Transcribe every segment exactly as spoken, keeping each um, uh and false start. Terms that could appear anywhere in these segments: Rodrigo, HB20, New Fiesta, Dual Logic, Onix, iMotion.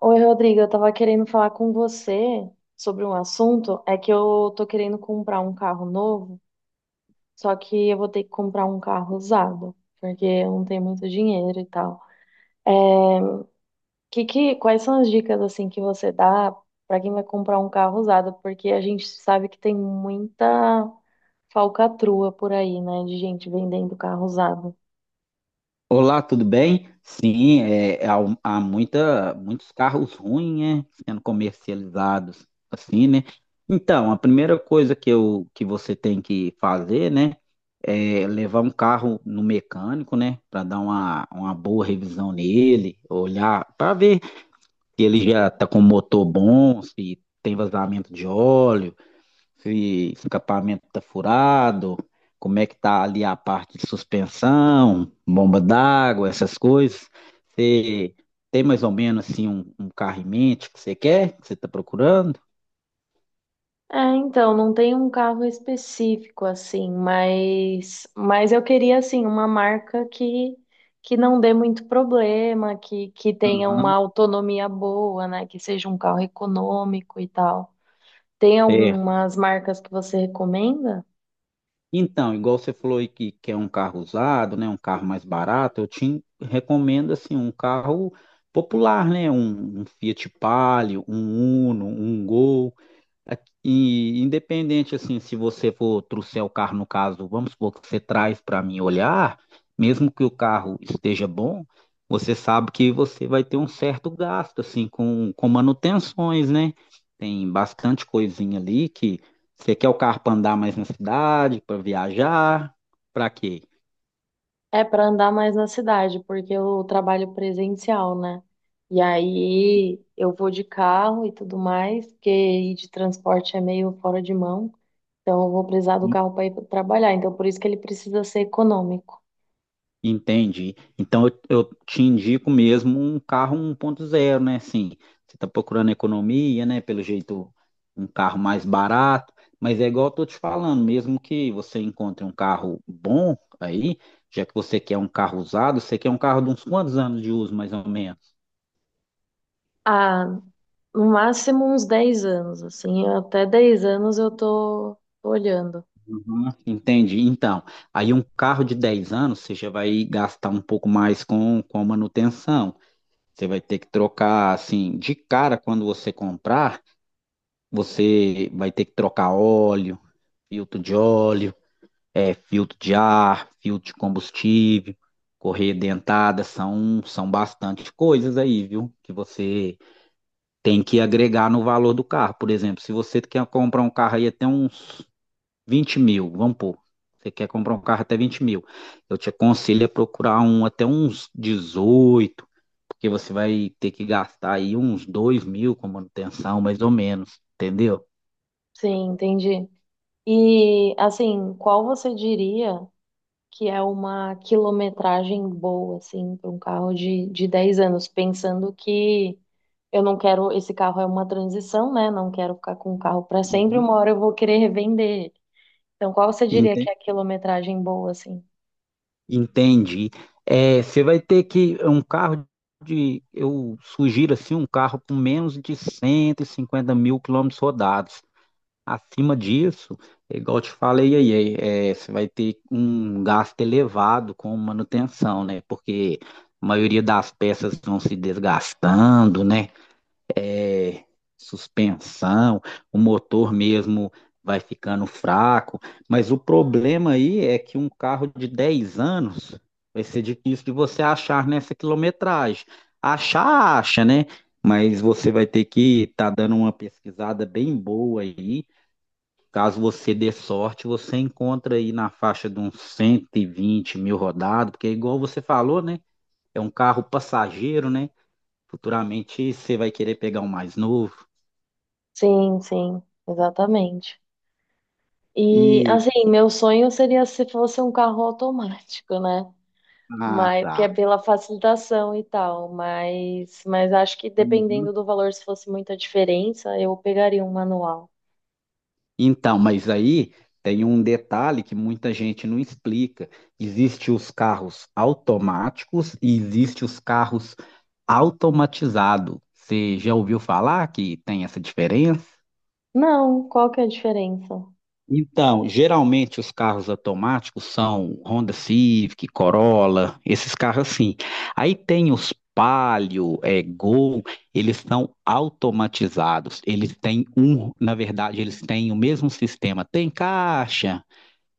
Oi, Rodrigo, eu tava querendo falar com você sobre um assunto. É que eu tô querendo comprar um carro novo, só que eu vou ter que comprar um carro usado, porque eu não tenho muito dinheiro e tal. É, que, que, quais são as dicas assim que você dá pra quem vai comprar um carro usado? Porque a gente sabe que tem muita falcatrua por aí, né, de gente vendendo carro usado. Olá, tudo bem? Sim, é, há, há muita, muitos carros ruins, né, sendo comercializados assim, né? Então, a primeira coisa que, eu, que você tem que fazer, né, é levar um carro no mecânico, né, para dar uma, uma boa revisão nele, olhar para ver se ele já está com motor bom, se tem vazamento de óleo, se o escapamento está furado, como é que tá ali a parte de suspensão, bomba d'água, essas coisas. Você tem mais ou menos assim um, um carro em mente que você quer, que você está procurando? É, então, não tem um carro específico assim, mas, mas eu queria assim uma marca que que não dê muito problema, que que tenha uma Aham. autonomia boa, né, que seja um carro econômico e tal. Tem Certo. algumas marcas que você recomenda? Então, igual você falou aí que quer um carro usado, né, um carro mais barato, eu te recomendo assim um carro popular, né, um, um Fiat Palio, um Uno, um Gol. Aqui- E independente assim, se você for trouxer o carro, no caso, vamos supor que você traz para mim olhar, mesmo que o carro esteja bom, você sabe que você vai ter um certo gasto assim com, com manutenções, né? Tem bastante coisinha ali que você quer o carro para andar mais na cidade, para viajar, para quê? É para andar mais na cidade, porque eu trabalho presencial, né? E aí eu vou de carro e tudo mais, porque ir de transporte é meio fora de mão. Então, eu vou precisar do carro para ir pra trabalhar. Então, por isso que ele precisa ser econômico. Entendi. Então eu, eu te indico mesmo um carro um ponto zero, né? Assim, você está procurando economia, né? Pelo jeito, um carro mais barato, mas é igual eu tô te falando, mesmo que você encontre um carro bom aí, já que você quer um carro usado, você quer um carro de uns quantos anos de uso, mais ou menos? Ah, no máximo uns dez anos, assim. Até dez anos eu tô, tô olhando. Uhum. Entendi. Então, aí um carro de dez anos, você já vai gastar um pouco mais com, com a manutenção. Você vai ter que trocar, assim, de cara quando você comprar. Você vai ter que trocar óleo, filtro de óleo, é, filtro de ar, filtro de combustível, correia dentada, são, são bastante coisas aí, viu? Que você tem que agregar no valor do carro. Por exemplo, se você quer comprar um carro aí até uns vinte mil, vamos pôr. Você quer comprar um carro até vinte mil. Eu te aconselho a procurar um até uns dezoito porque você vai ter que gastar aí uns dois mil com manutenção, mais ou menos, entendeu? Sim, entendi. E, assim, qual você diria que é uma quilometragem boa, assim, para um carro de, de dez anos? Pensando que eu não quero. Esse carro é uma transição, né? Não quero ficar com o carro para sempre. Uhum. Uma hora eu vou querer revender ele. Então, qual você diria que Entende? é a quilometragem boa, assim? Entendi. É, você vai ter que um carro de, eu sugiro assim, um carro com menos de cento e cinquenta mil quilômetros rodados. Acima disso, é igual eu te falei aí, é, é, você vai ter um gasto elevado com manutenção, né? Porque a maioria das peças vão se desgastando, né? é, suspensão, o motor mesmo vai ficando fraco, mas o problema aí é que um carro de dez anos vai ser difícil de você achar nessa quilometragem. Achar, acha, né? Mas você vai ter que estar dando uma pesquisada bem boa aí. Caso você dê sorte, você encontra aí na faixa de uns cento e vinte mil rodados, porque é igual você falou, né? É um carro passageiro, né? Futuramente você vai querer pegar um mais novo. Sim, sim, exatamente. E E assim, meu sonho seria se fosse um carro automático, né? ah, Mas que é tá. pela facilitação e tal, mas mas acho que dependendo Uhum. do valor, se fosse muita diferença, eu pegaria um manual. Então, mas aí tem um detalhe que muita gente não explica. Existem os carros automáticos e existem os carros automatizados. Você já ouviu falar que tem essa diferença? Não, qual que é a diferença? Então, geralmente os carros automáticos são Honda Civic, Corolla, esses carros assim. Aí tem os Palio, é, Gol, eles são automatizados. Eles têm um, na verdade, eles têm o mesmo sistema. Tem caixa,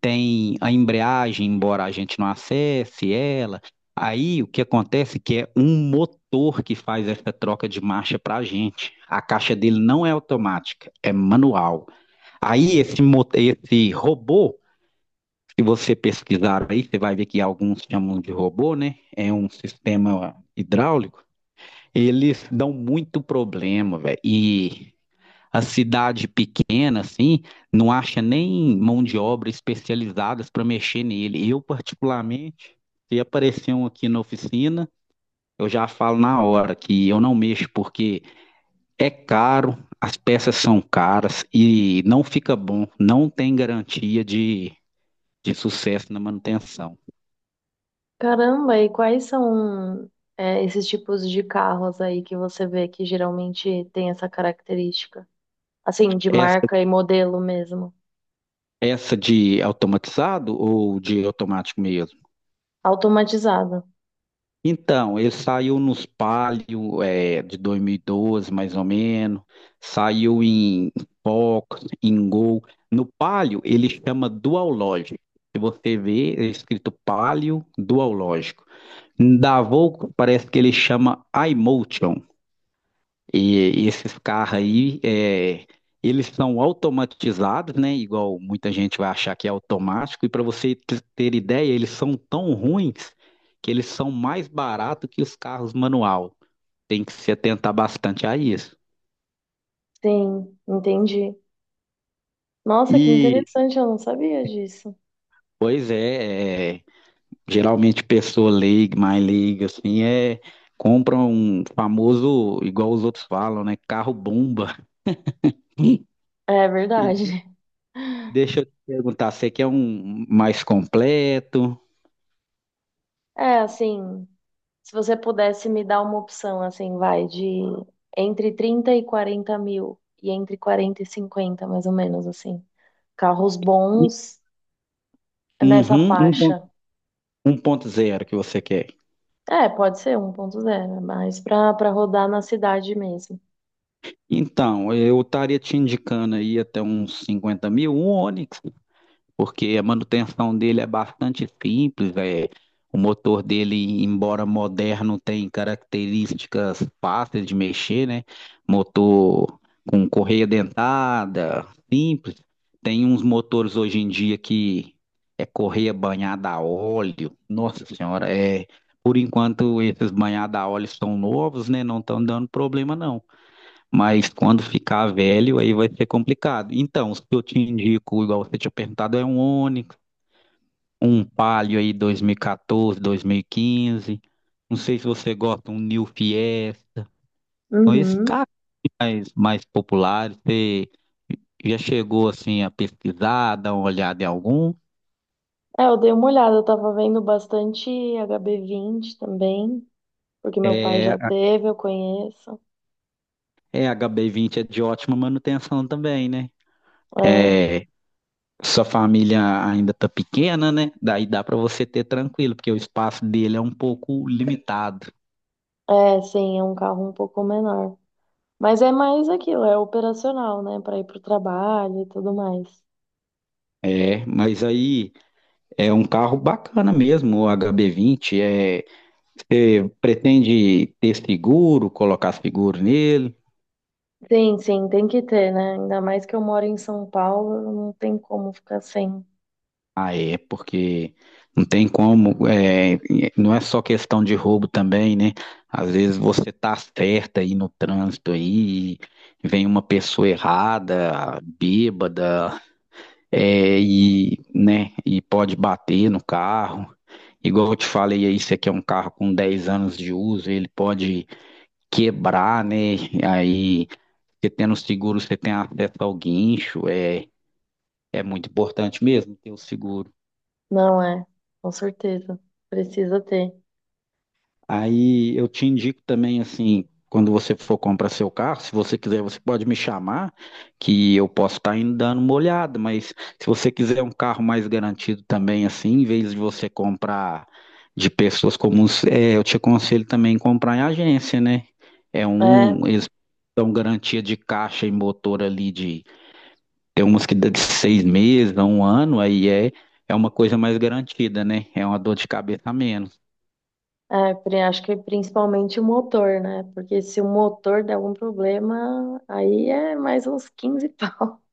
tem a embreagem, embora a gente não acesse ela. Aí o que acontece é que é um motor que faz essa troca de marcha para a gente. A caixa dele não é automática, é manual. Aí esse, mo- esse robô, se você pesquisar aí, você vai ver que alguns chamam de robô, né? É um sistema hidráulico. Eles dão muito problema, velho. E a cidade pequena, assim, não acha nem mão de obra especializadas para mexer nele. Eu, particularmente, se aparecer um aqui na oficina, eu já falo na hora que eu não mexo, porque é caro, as peças são caras e não fica bom, não tem garantia de, de sucesso na manutenção. Caramba, e quais são é, esses tipos de carros aí que você vê que geralmente tem essa característica? Assim, de Essa, marca e modelo mesmo. essa de automatizado ou de automático mesmo? Automatizado. Então, ele saiu nos Palio, é, de dois mil e doze, mais ou menos, saiu em Fox, em Gol. No Palio, ele chama Dual Logic. Se você ver, é escrito Palio Dual Lógico. Da Volvo, parece que ele chama iMotion. E esses carros aí, é, eles são automatizados, né? Igual muita gente vai achar que é automático. E para você t- ter ideia, eles são tão ruins que eles são mais baratos que os carros manual. Tem que se atentar bastante a isso. Sim, entendi. Nossa, que E, interessante, eu não sabia disso. pois é, é, geralmente pessoa leiga, mais leiga, assim, é, compra um famoso, igual os outros falam, né? Carro bomba. É E verdade. deixa eu te perguntar, você quer um mais completo? É, assim, se você pudesse me dar uma opção, assim, vai, de entre trinta e quarenta mil, e entre quarenta e cinquenta, mais ou menos, assim. Carros bons nessa Uhum, um ponto- faixa. um ponto zero que você quer. É, pode ser um ponto zero, mas pra, pra rodar na cidade mesmo. Então, eu estaria te indicando aí até uns cinquenta mil, um Onix, porque a manutenção dele é bastante simples, é, o motor dele, embora moderno, tem características fáceis de mexer, né? Motor com correia dentada, simples. Tem uns motores hoje em dia que é correia banhada a óleo. Nossa Senhora, é, por enquanto esses banhados a óleo são novos, né? Não estão dando problema não. Mas quando ficar velho, aí vai ser complicado. Então, se eu te indico, igual você tinha perguntado, é um Onix, um Palio aí dois mil e quatorze, dois mil e quinze. Não sei se você gosta, um New Fiesta. São esses Uhum. carros mais, mais populares. Você já chegou assim a pesquisar, dar uma olhada em algum? É, eu dei uma olhada, eu tava vendo bastante H B vinte também, porque meu pai É, já teve, eu conheço. é, a H B vinte é de ótima manutenção também, né? É. é Sua família ainda tá pequena, né? Daí dá pra você ter tranquilo, porque o espaço dele é um pouco limitado. É, sim, é um carro um pouco menor. Mas é mais aquilo, é operacional, né? Para ir para o trabalho e tudo mais. É, mas aí é um carro bacana mesmo, o H B vinte. É, você pretende ter seguro, colocar seguro nele? Sim, sim, tem que ter, né? Ainda mais que eu moro em São Paulo, não tem como ficar sem. Ah, é, porque não tem como, é, não é só questão de roubo também, né? Às vezes você tá certa aí no trânsito aí, e vem uma pessoa errada, bêbada, É, e, né, e pode bater no carro. Igual eu te falei aí, esse aqui é um carro com dez anos de uso, ele pode quebrar, né? Aí, você tendo o seguro, você tem acesso ao guincho, é, é muito importante mesmo ter o seguro. Não é, com certeza. Precisa ter. Aí eu te indico também, assim, quando você for comprar seu carro, se você quiser, você pode me chamar, que eu posso estar indo dando uma olhada, mas se você quiser um carro mais garantido também, assim, em vez de você comprar de pessoas comuns, é, eu te aconselho também comprar em agência, né? É um, É, eles dão garantia de caixa e motor ali de, tem umas que dá de seis meses, a um ano, aí é, é uma coisa mais garantida, né? É uma dor de cabeça a menos. É, pri- acho que principalmente o motor, né? Porque se o motor der algum problema, aí é mais uns quinze pau.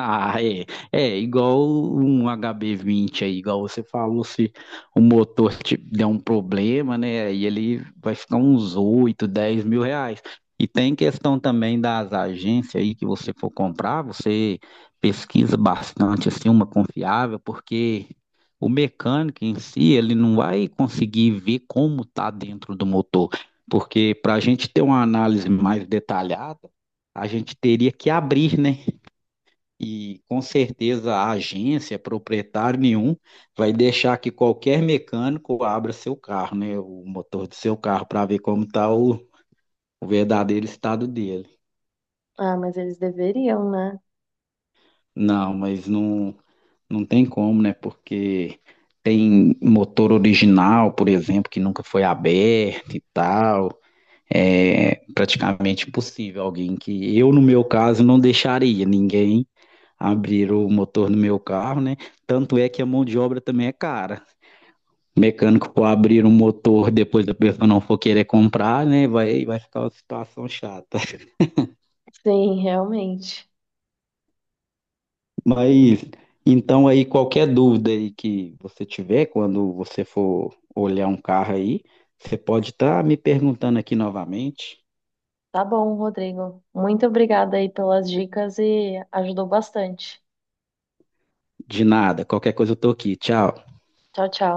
Ah, é. É igual um H B vinte aí, igual você falou, se o motor te der um problema, né? Aí ele vai ficar uns oito, dez mil reais. E tem questão também das agências aí que você for comprar, você pesquisa bastante, assim, uma confiável, porque o mecânico em si, ele não vai conseguir ver como tá dentro do motor. Porque para a gente ter uma análise mais detalhada, a gente teria que abrir, né? E com certeza a agência, proprietário nenhum, vai deixar que qualquer mecânico abra seu carro, né? O motor do seu carro para ver como está o, o verdadeiro estado dele. Ah, mas eles deveriam, né? Não, mas não, não tem como, né? Porque tem motor original, por exemplo, que nunca foi aberto e tal. É praticamente impossível alguém que eu, no meu caso, não deixaria ninguém abrir o motor do meu carro, né? Tanto é que a mão de obra também é cara. Mecânico for abrir um motor depois da pessoa não for querer comprar, né? Vai, vai ficar uma situação chata. Sim, realmente. Mas então aí qualquer dúvida aí que você tiver quando você for olhar um carro aí, você pode estar me perguntando aqui novamente. Tá bom, Rodrigo. Muito obrigada aí pelas dicas e ajudou bastante. De nada, qualquer coisa eu tô aqui. Tchau. Tchau, tchau.